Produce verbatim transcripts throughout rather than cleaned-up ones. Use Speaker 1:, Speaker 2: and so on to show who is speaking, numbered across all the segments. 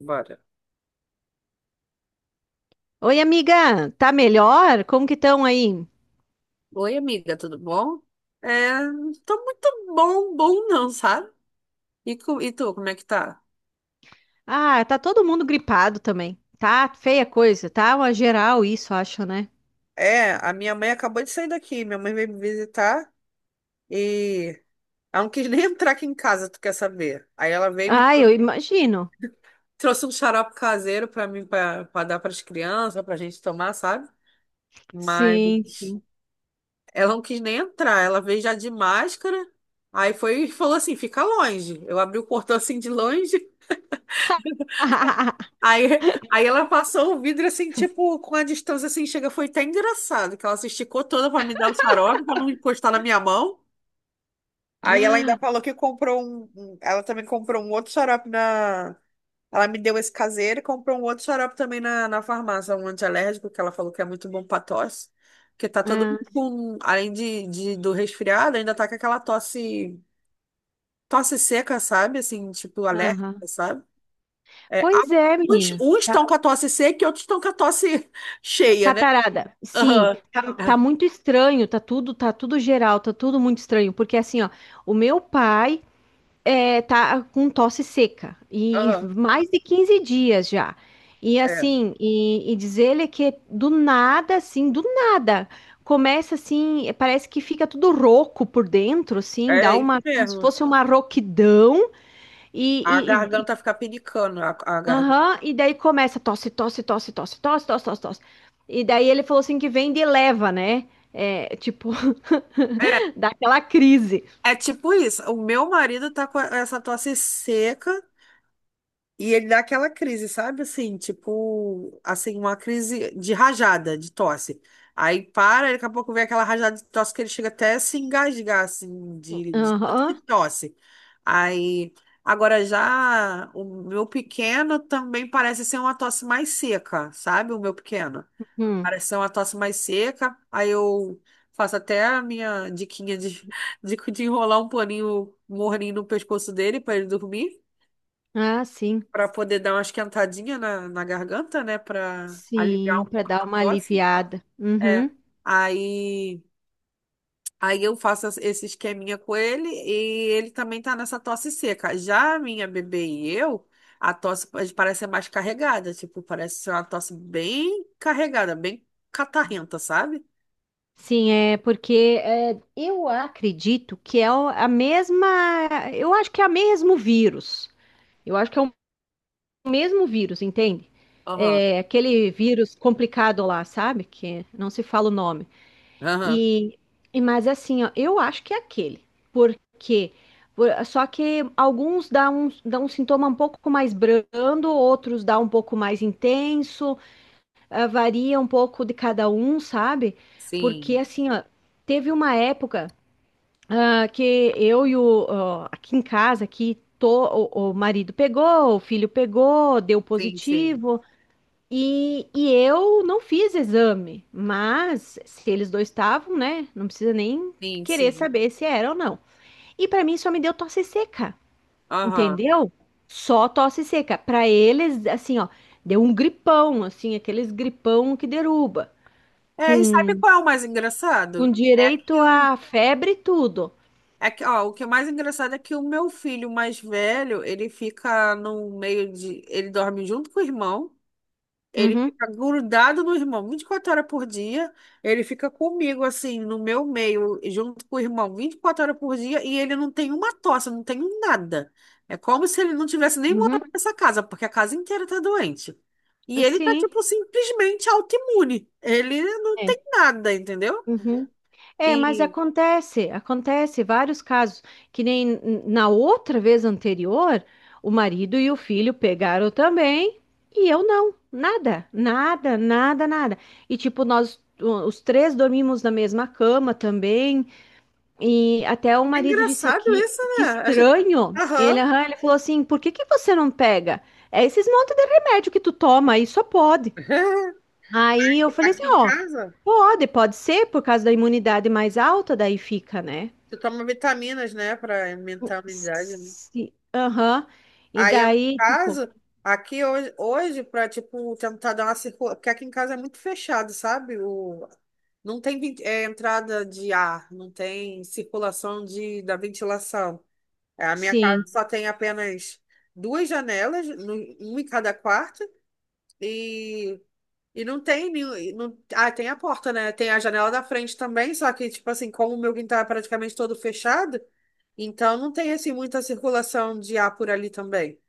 Speaker 1: Bora.
Speaker 2: Oi, amiga, tá melhor? Como que estão aí?
Speaker 1: Oi, amiga, tudo bom? É, tô muito bom, bom não, sabe? E, co- e tu, como é que tá?
Speaker 2: Ah, tá todo mundo gripado também. Tá feia coisa, tá uma geral isso, acho, né?
Speaker 1: É, a minha mãe acabou de sair daqui. Minha mãe veio me visitar e ela não quis nem entrar aqui em casa, tu quer saber? Aí ela veio e me
Speaker 2: Ah,
Speaker 1: trou-
Speaker 2: eu imagino.
Speaker 1: trouxe um xarope caseiro pra mim, pra, pra dar pras crianças, pra gente tomar, sabe?
Speaker 2: Sim,
Speaker 1: Mas
Speaker 2: sim.
Speaker 1: ela não quis nem entrar. Ela veio já de máscara. Aí foi e falou assim: fica longe. Eu abri o portão assim de longe. Aí, aí ela passou o vidro assim, tipo, com a distância assim, chega, foi até engraçado, que ela se esticou toda para me dar o xarope, para não encostar na minha mão. Aí ela ainda falou que comprou um, um- ela também comprou um outro xarope na, ela me deu esse caseiro e comprou um outro xarope também na, na farmácia, um alérgico que ela falou que é muito bom para tosse, porque tá todo
Speaker 2: Ah,
Speaker 1: mundo com, além de, de- do resfriado, ainda tá com aquela tosse, tosse seca, sabe? Assim, tipo, alérgica,
Speaker 2: aham.
Speaker 1: sabe? É,
Speaker 2: Pois é,
Speaker 1: alguns,
Speaker 2: menina.
Speaker 1: uns estão
Speaker 2: Tá-
Speaker 1: com a tosse seca e outros estão com a tosse cheia, né?
Speaker 2: Catarada, sim,
Speaker 1: Aham.
Speaker 2: tá, tá
Speaker 1: É.
Speaker 2: muito estranho, tá tudo, tá tudo geral, tá tudo muito estranho, porque assim, ó, o meu pai, é, tá com tosse seca e
Speaker 1: Aham.
Speaker 2: mais de quinze dias já. E assim, e, e diz ele que do nada, assim, do nada, começa assim, é, parece que fica tudo rouco por dentro, assim, dá
Speaker 1: É, é isso
Speaker 2: uma, como se
Speaker 1: mesmo.
Speaker 2: fosse uma rouquidão
Speaker 1: A
Speaker 2: e, e, e, e
Speaker 1: garganta fica pinicando, a, a garganta.
Speaker 2: aham, e daí começa tosse, tosse, tosse, tosse, tosse, tosse, tosse, tosse. E daí ele falou assim que vem de leva, né? É, tipo,
Speaker 1: É,
Speaker 2: dá aquela crise.
Speaker 1: é tipo isso. O meu marido tá com essa tosse seca. E ele dá aquela crise, sabe? Assim, tipo, assim, uma crise de rajada, de tosse. Aí para, daqui a pouco vem aquela rajada de tosse que ele chega até a se engasgar, assim, de, de tanto que
Speaker 2: Aham.
Speaker 1: tosse. Aí, agora já o meu pequeno também parece ser uma tosse mais seca, sabe? O meu pequeno.
Speaker 2: Hum.
Speaker 1: Parece ser uma tosse mais seca. Aí eu faço até a minha diquinha de, de, de enrolar um paninho morninho no pescoço dele para ele dormir.
Speaker 2: Ah, sim.
Speaker 1: Pra poder dar uma esquentadinha na, na garganta, né? Pra aliviar
Speaker 2: Sim,
Speaker 1: um
Speaker 2: para
Speaker 1: pouco
Speaker 2: dar
Speaker 1: a
Speaker 2: uma
Speaker 1: tosse.
Speaker 2: aliviada.
Speaker 1: É.
Speaker 2: Uhum.
Speaker 1: Aí, aí eu faço essa- esse esqueminha com ele e ele também tá nessa tosse seca. Já a minha bebê e eu, a tosse pa- parece ser mais carregada. Tipo, parece ser uma tosse bem carregada, bem catarrenta, sabe?
Speaker 2: Sim, é porque é, eu acredito que é o- a mesma. Eu acho que é o mesmo vírus. Eu acho que é o mesmo vírus, entende?
Speaker 1: Aham.
Speaker 2: É aquele vírus complicado lá, sabe? Que não se fala o nome.
Speaker 1: Aham.
Speaker 2: E, e mas assim, ó, eu acho que é aquele. Porque Só que alguns dão um, dá um sintoma um pouco mais brando, outros dá um pouco mais intenso. Ah, varia um pouco de cada um, sabe? Porque
Speaker 1: Sim,
Speaker 2: assim, ó, teve uma época ah, que eu e o ó, aqui em casa, aqui tô, o, o marido pegou, o filho pegou, deu
Speaker 1: sim, sim.
Speaker 2: positivo. E, e eu não fiz exame, mas se eles dois estavam, né? Não precisa nem
Speaker 1: Sim,
Speaker 2: querer
Speaker 1: sim.
Speaker 2: saber se era ou não. E pra mim só me deu tosse seca,
Speaker 1: Aham.
Speaker 2: entendeu? Só tosse seca. Pra eles, assim, ó, deu um gripão, assim, aqueles gripão que deruba
Speaker 1: É, e sabe
Speaker 2: com,
Speaker 1: qual é o mais
Speaker 2: com
Speaker 1: engraçado? É
Speaker 2: direito
Speaker 1: que um
Speaker 2: a febre e tudo.
Speaker 1: É que, ó, o que é mais engraçado é que o meu filho mais velho, ele fica no meio de. Ele dorme junto com o irmão, ele
Speaker 2: Uhum,
Speaker 1: fica grudado no irmão vinte e quatro horas por dia, ele fica comigo, assim, no meu meio, junto com o irmão vinte e quatro horas por dia, e ele não tem uma tosse, não tem um nada. É como se ele não tivesse nem morado
Speaker 2: uhum.
Speaker 1: nessa casa, porque a casa inteira tá doente. E ele tá,
Speaker 2: Sim.
Speaker 1: tipo, simplesmente autoimune. Ele não tem
Speaker 2: É.
Speaker 1: nada, entendeu?
Speaker 2: Uhum. É, mas
Speaker 1: E
Speaker 2: acontece, acontece vários casos, que nem na outra vez anterior, o marido e o filho pegaram também, e eu não, nada, nada, nada, nada. E tipo, nós o- os três dormimos na mesma cama também. E até o
Speaker 1: é
Speaker 2: marido disse
Speaker 1: engraçado
Speaker 2: que,
Speaker 1: isso,
Speaker 2: que
Speaker 1: né? Acho-
Speaker 2: estranho. Ele,
Speaker 1: Aham.
Speaker 2: aham, ele falou assim: por que que você não pega? É esses montes de remédio que tu toma aí, só pode. Aí eu falei assim:
Speaker 1: Aqui em
Speaker 2: ó,
Speaker 1: casa,
Speaker 2: pode, pode ser por causa da imunidade mais alta, daí fica, né?
Speaker 1: tu toma vitaminas, né, pra aumentar a imunidade, né?
Speaker 2: Se- Aham. E
Speaker 1: Aí, no
Speaker 2: daí, tipo,
Speaker 1: caso, aqui hoje, hoje pra, tipo, tentar dar uma circulação, porque aqui em casa é muito fechado, sabe? O... Não tem vent- é, entrada de ar, não tem circulação de, da ventilação. É, a minha casa
Speaker 2: sim.
Speaker 1: só tem apenas duas janelas, no- uma em cada quarto, e e não tem nenhum. Não, ah, tem a porta, né? Tem a janela da frente também, só que, tipo assim, como o meu quintal é praticamente todo fechado, então não tem, assim, muita circulação de ar por ali também.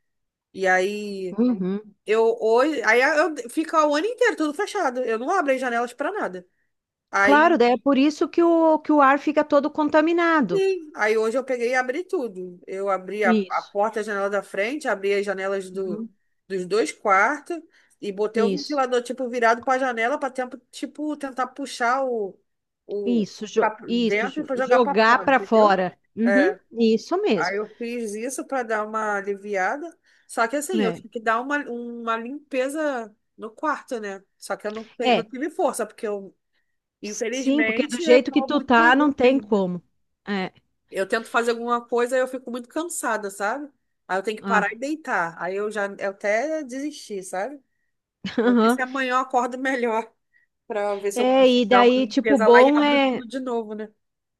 Speaker 1: E aí,
Speaker 2: Uhum.
Speaker 1: eu hoje. Aí eu, fica o ano inteiro tudo fechado. Eu não abro as janelas pra nada.
Speaker 2: Claro,
Speaker 1: Aí.
Speaker 2: daí é por isso que o, que o ar fica todo contaminado.
Speaker 1: Sim. Aí hoje eu peguei e abri tudo. Eu abri a, a
Speaker 2: Isso.
Speaker 1: porta, a janela da frente, abri as janelas do,
Speaker 2: Uhum.
Speaker 1: dos dois quartos e botei o
Speaker 2: Isso.
Speaker 1: ventilador, tipo, virado para a janela para tempo, tipo, tentar puxar o, o
Speaker 2: Isso, jo-
Speaker 1: pra
Speaker 2: isso,
Speaker 1: dentro
Speaker 2: jo-
Speaker 1: para jogar para
Speaker 2: jogar
Speaker 1: fora,
Speaker 2: para
Speaker 1: entendeu?
Speaker 2: fora. Uhum,
Speaker 1: É.
Speaker 2: isso
Speaker 1: Aí
Speaker 2: mesmo.
Speaker 1: eu fiz isso para dar uma aliviada. Só que assim, eu
Speaker 2: É.
Speaker 1: tive que dar uma, uma limpeza no quarto, né? Só que eu não, tenho- não
Speaker 2: É,
Speaker 1: tive força, porque eu,
Speaker 2: sim, porque do
Speaker 1: infelizmente, eu
Speaker 2: jeito que
Speaker 1: estou
Speaker 2: tu
Speaker 1: muito
Speaker 2: tá, não
Speaker 1: ruim.
Speaker 2: tem como. É,
Speaker 1: Eu tento fazer alguma coisa e eu fico muito cansada, sabe? Aí eu tenho que parar
Speaker 2: ah,
Speaker 1: e deitar. Aí eu já eu até desisti, sabe? Vou ver
Speaker 2: aham.
Speaker 1: se amanhã eu acordo melhor pra ver se eu
Speaker 2: É,
Speaker 1: consigo
Speaker 2: e
Speaker 1: dar uma
Speaker 2: daí, tipo, o
Speaker 1: limpeza lá e
Speaker 2: bom
Speaker 1: abro
Speaker 2: é,
Speaker 1: tudo de novo, né?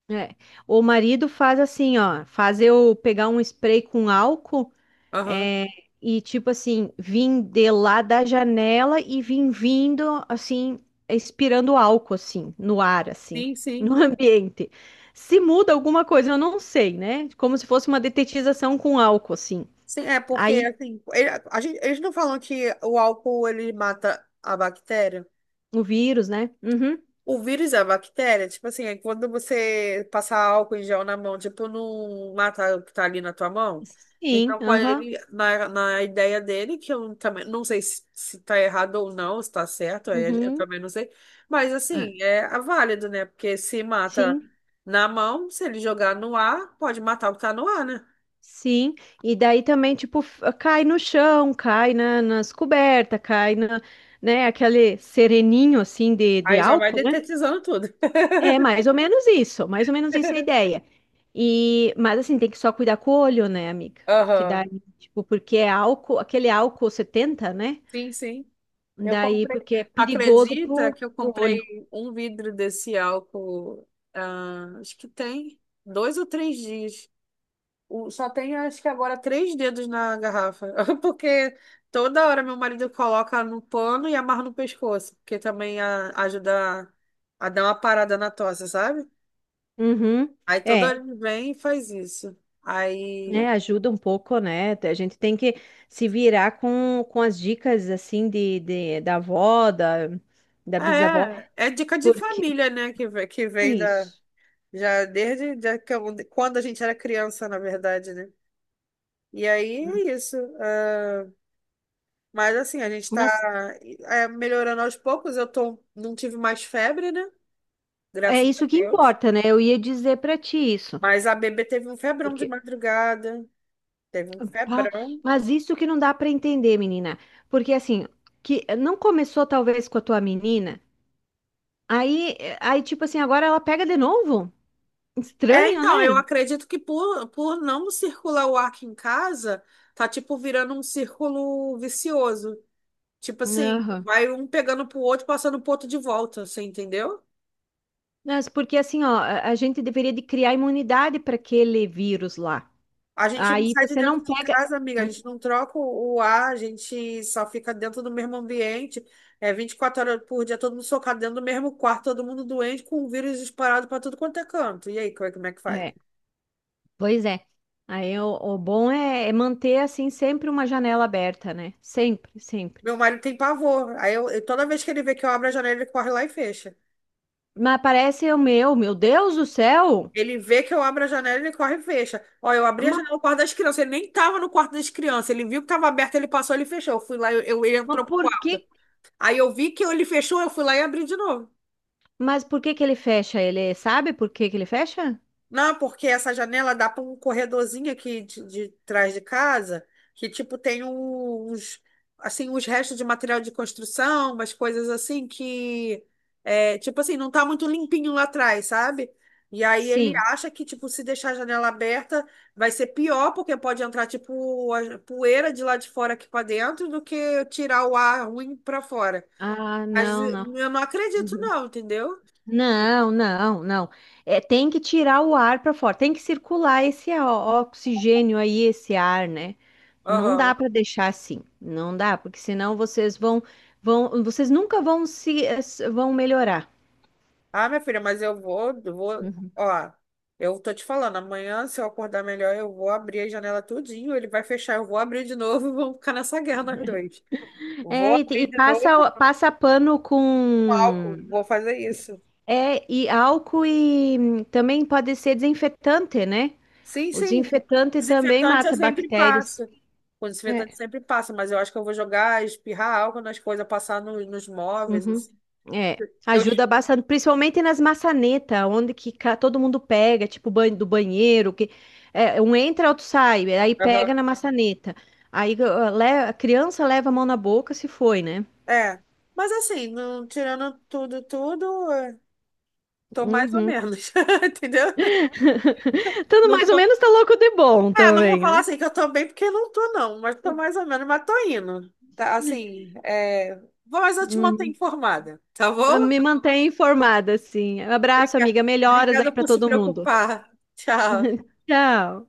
Speaker 2: é, o marido faz assim, ó, faz eu pegar um spray com álcool.
Speaker 1: Aham.
Speaker 2: É, e tipo assim, vim de lá da janela e vim vindo assim, expirando álcool assim, no ar assim,
Speaker 1: Sim, sim.
Speaker 2: no ambiente. Se muda alguma coisa, eu não sei, né? Como se fosse uma detetização com álcool assim.
Speaker 1: Sim, é porque
Speaker 2: Aí
Speaker 1: assim, ele- a gente, eles não falam que o álcool ele mata a bactéria?
Speaker 2: o vírus, né? Uhum.
Speaker 1: O vírus e a bactéria, tipo assim, é quando você passar álcool em gel na mão, tipo, não mata o que tá ali na tua mão.
Speaker 2: Sim,
Speaker 1: Então, com
Speaker 2: aham.
Speaker 1: ele, na, na ideia dele, que eu também não sei se, se tá errado ou não, se tá certo, aí eu
Speaker 2: Uhum.
Speaker 1: também não sei. Mas,
Speaker 2: É,
Speaker 1: assim, é é válido, né? Porque se mata
Speaker 2: sim.
Speaker 1: na mão, se ele jogar no ar, pode matar o que tá no ar, né?
Speaker 2: Sim, e daí também, tipo, f- cai no chão, cai na, nas cobertas, cai na, né, aquele sereninho, assim, de, de
Speaker 1: Aí já vai
Speaker 2: álcool, né?
Speaker 1: detetizando tudo.
Speaker 2: É mais ou menos isso, mais ou menos isso é a ideia. E, mas assim, tem que só cuidar com o olho, né, amiga? Que
Speaker 1: Aham.
Speaker 2: daí, tipo, porque é álcool, aquele álcool setenta, né?
Speaker 1: Sim, sim. Eu
Speaker 2: Daí,
Speaker 1: comprei.
Speaker 2: porque é perigoso
Speaker 1: Acredita
Speaker 2: pro,
Speaker 1: que eu
Speaker 2: pro olho.
Speaker 1: comprei um vidro desse álcool, ah, acho que tem dois ou três dias. O- Só tem, acho que agora, três dedos na garrafa. Porque toda hora meu marido coloca no pano e amarra no pescoço. Porque também a- ajuda a, a dar uma parada na tosse, sabe?
Speaker 2: Uhum.
Speaker 1: Aí toda
Speaker 2: É,
Speaker 1: hora ele vem e faz isso.
Speaker 2: né?
Speaker 1: Aí.
Speaker 2: Ajuda um pouco, né? A gente tem que se virar com, com as dicas, assim, de, de- da avó, da, da bisavó,
Speaker 1: É, é dica de
Speaker 2: porque...
Speaker 1: família, né? Que, ve- que
Speaker 2: é
Speaker 1: vem da.
Speaker 2: isso.
Speaker 1: Já desde já que eu- quando a gente era criança, na verdade, né? E aí é isso. Ah, mas assim, a gente tá
Speaker 2: Mas
Speaker 1: é, melhorando aos poucos. Eu tô, não tive mais febre, né?
Speaker 2: é
Speaker 1: Graças a
Speaker 2: isso que
Speaker 1: Deus.
Speaker 2: importa, né? Eu ia dizer pra ti isso.
Speaker 1: Mas a bebê teve um febrão de
Speaker 2: Porque
Speaker 1: madrugada. Teve um
Speaker 2: ah,
Speaker 1: febrão.
Speaker 2: mas isso que não dá para entender, menina. Porque assim, que não começou talvez com a tua menina, aí, aí tipo assim, agora ela pega de novo?
Speaker 1: É,
Speaker 2: Estranho, né?
Speaker 1: então, eu acredito que por, por não circular o ar aqui em casa, tá tipo virando um círculo vicioso. Tipo assim,
Speaker 2: Aham.
Speaker 1: vai um pegando pro outro, passando pro outro de volta, você entendeu?
Speaker 2: Mas porque assim, ó, a a gente deveria de criar imunidade para aquele vírus lá.
Speaker 1: A gente não
Speaker 2: Aí
Speaker 1: sai de
Speaker 2: você
Speaker 1: dentro
Speaker 2: não
Speaker 1: de
Speaker 2: pega.
Speaker 1: casa, amiga. A gente não troca o o ar, a gente só fica dentro do mesmo ambiente. É vinte e quatro horas por dia, todo mundo socado dentro do mesmo quarto, todo mundo doente, com o vírus disparado para tudo quanto é canto. E aí, co- como é que faz?
Speaker 2: É, pois é. Aí o, o bom é, é manter assim sempre uma janela aberta, né? Sempre, sempre.
Speaker 1: Meu marido tem pavor. Aí eu, eu- toda vez que ele vê que eu abro a janela, ele corre lá e fecha.
Speaker 2: Mas parece o meu, meu Deus do céu!
Speaker 1: Ele vê que eu abro a janela, ele corre e fecha. Ó, eu abri a janela
Speaker 2: Mas,
Speaker 1: no quarto das crianças. Ele nem tava no quarto das crianças. Ele viu que tava aberto, ele passou, ele fechou. Eu fui lá, eu, eu- ele
Speaker 2: mas
Speaker 1: entrou pro
Speaker 2: por que?
Speaker 1: quarto. Aí eu vi que ele fechou, eu fui lá e abri de novo.
Speaker 2: Mas por que que ele fecha? Ele sabe por que que ele fecha?
Speaker 1: Não, porque essa janela dá para um corredorzinho aqui de, de trás de casa, que tipo tem um, uns assim uns restos de material de construção, umas coisas assim que é, tipo assim não tá muito limpinho lá atrás, sabe? E aí ele
Speaker 2: Sim.
Speaker 1: acha que tipo se deixar a janela aberta vai ser pior, porque pode entrar tipo a poeira de lá de fora aqui para dentro do que tirar o ar ruim para fora.
Speaker 2: Ah,
Speaker 1: Mas
Speaker 2: não,
Speaker 1: eu
Speaker 2: não.
Speaker 1: não acredito não, entendeu?
Speaker 2: Não, não, não. É, tem que tirar o ar para fora, tem que circular esse ó- oxigênio aí, esse ar, né? Não dá
Speaker 1: Aham.
Speaker 2: para deixar assim, não dá, porque senão vocês vão, vão, vocês nunca vão se eh, s- vão melhorar.
Speaker 1: Ah, minha filha, mas eu vou, eu vou, ó, eu tô te falando, amanhã, se eu acordar melhor, eu vou abrir a janela tudinho, ele vai fechar, eu vou abrir de novo e vamos ficar nessa guerra nós dois. Vou
Speaker 2: É, e, te- e
Speaker 1: abrir de novo
Speaker 2: passa, passa pano
Speaker 1: com
Speaker 2: com,
Speaker 1: álcool, vou fazer isso.
Speaker 2: é, e álcool e hum, também pode ser desinfetante, né?
Speaker 1: Sim,
Speaker 2: O
Speaker 1: sim,
Speaker 2: desinfetante também
Speaker 1: desinfetante eu
Speaker 2: mata
Speaker 1: sempre passo.
Speaker 2: bactérias.
Speaker 1: O desinfetante
Speaker 2: É.
Speaker 1: sempre passa, mas eu acho que eu vou jogar, espirrar álcool nas coisas, passar no- nos móveis,
Speaker 2: Uhum.
Speaker 1: assim.
Speaker 2: É.
Speaker 1: Eu.
Speaker 2: Ajuda bastante, principalmente nas maçanetas, onde que ca- todo mundo pega, tipo ban- do banheiro, que é, um entra, outro sai, aí pega
Speaker 1: Aham.
Speaker 2: na maçaneta. Aí uh, le- a criança leva a mão na boca se foi, né?
Speaker 1: É, mas assim, não, tirando tudo, tudo, eh, tô mais ou
Speaker 2: Uhum.
Speaker 1: menos, entendeu?
Speaker 2: Tudo
Speaker 1: Não
Speaker 2: mais ou
Speaker 1: tô.
Speaker 2: menos tá louco de bom
Speaker 1: É, não vou
Speaker 2: também,
Speaker 1: falar
Speaker 2: né?
Speaker 1: assim que eu tô bem, porque não tô, não, mas tô mais ou menos, mas tô indo. Tá, assim, é... vou- mas eu te manter
Speaker 2: Uhum.
Speaker 1: informada, tá bom?
Speaker 2: Me mantém informada, sim. Abraço,
Speaker 1: Obrigada.
Speaker 2: amiga. Melhoras aí
Speaker 1: Obrigada
Speaker 2: pra
Speaker 1: por se
Speaker 2: todo mundo.
Speaker 1: preocupar. Tchau.
Speaker 2: Tchau.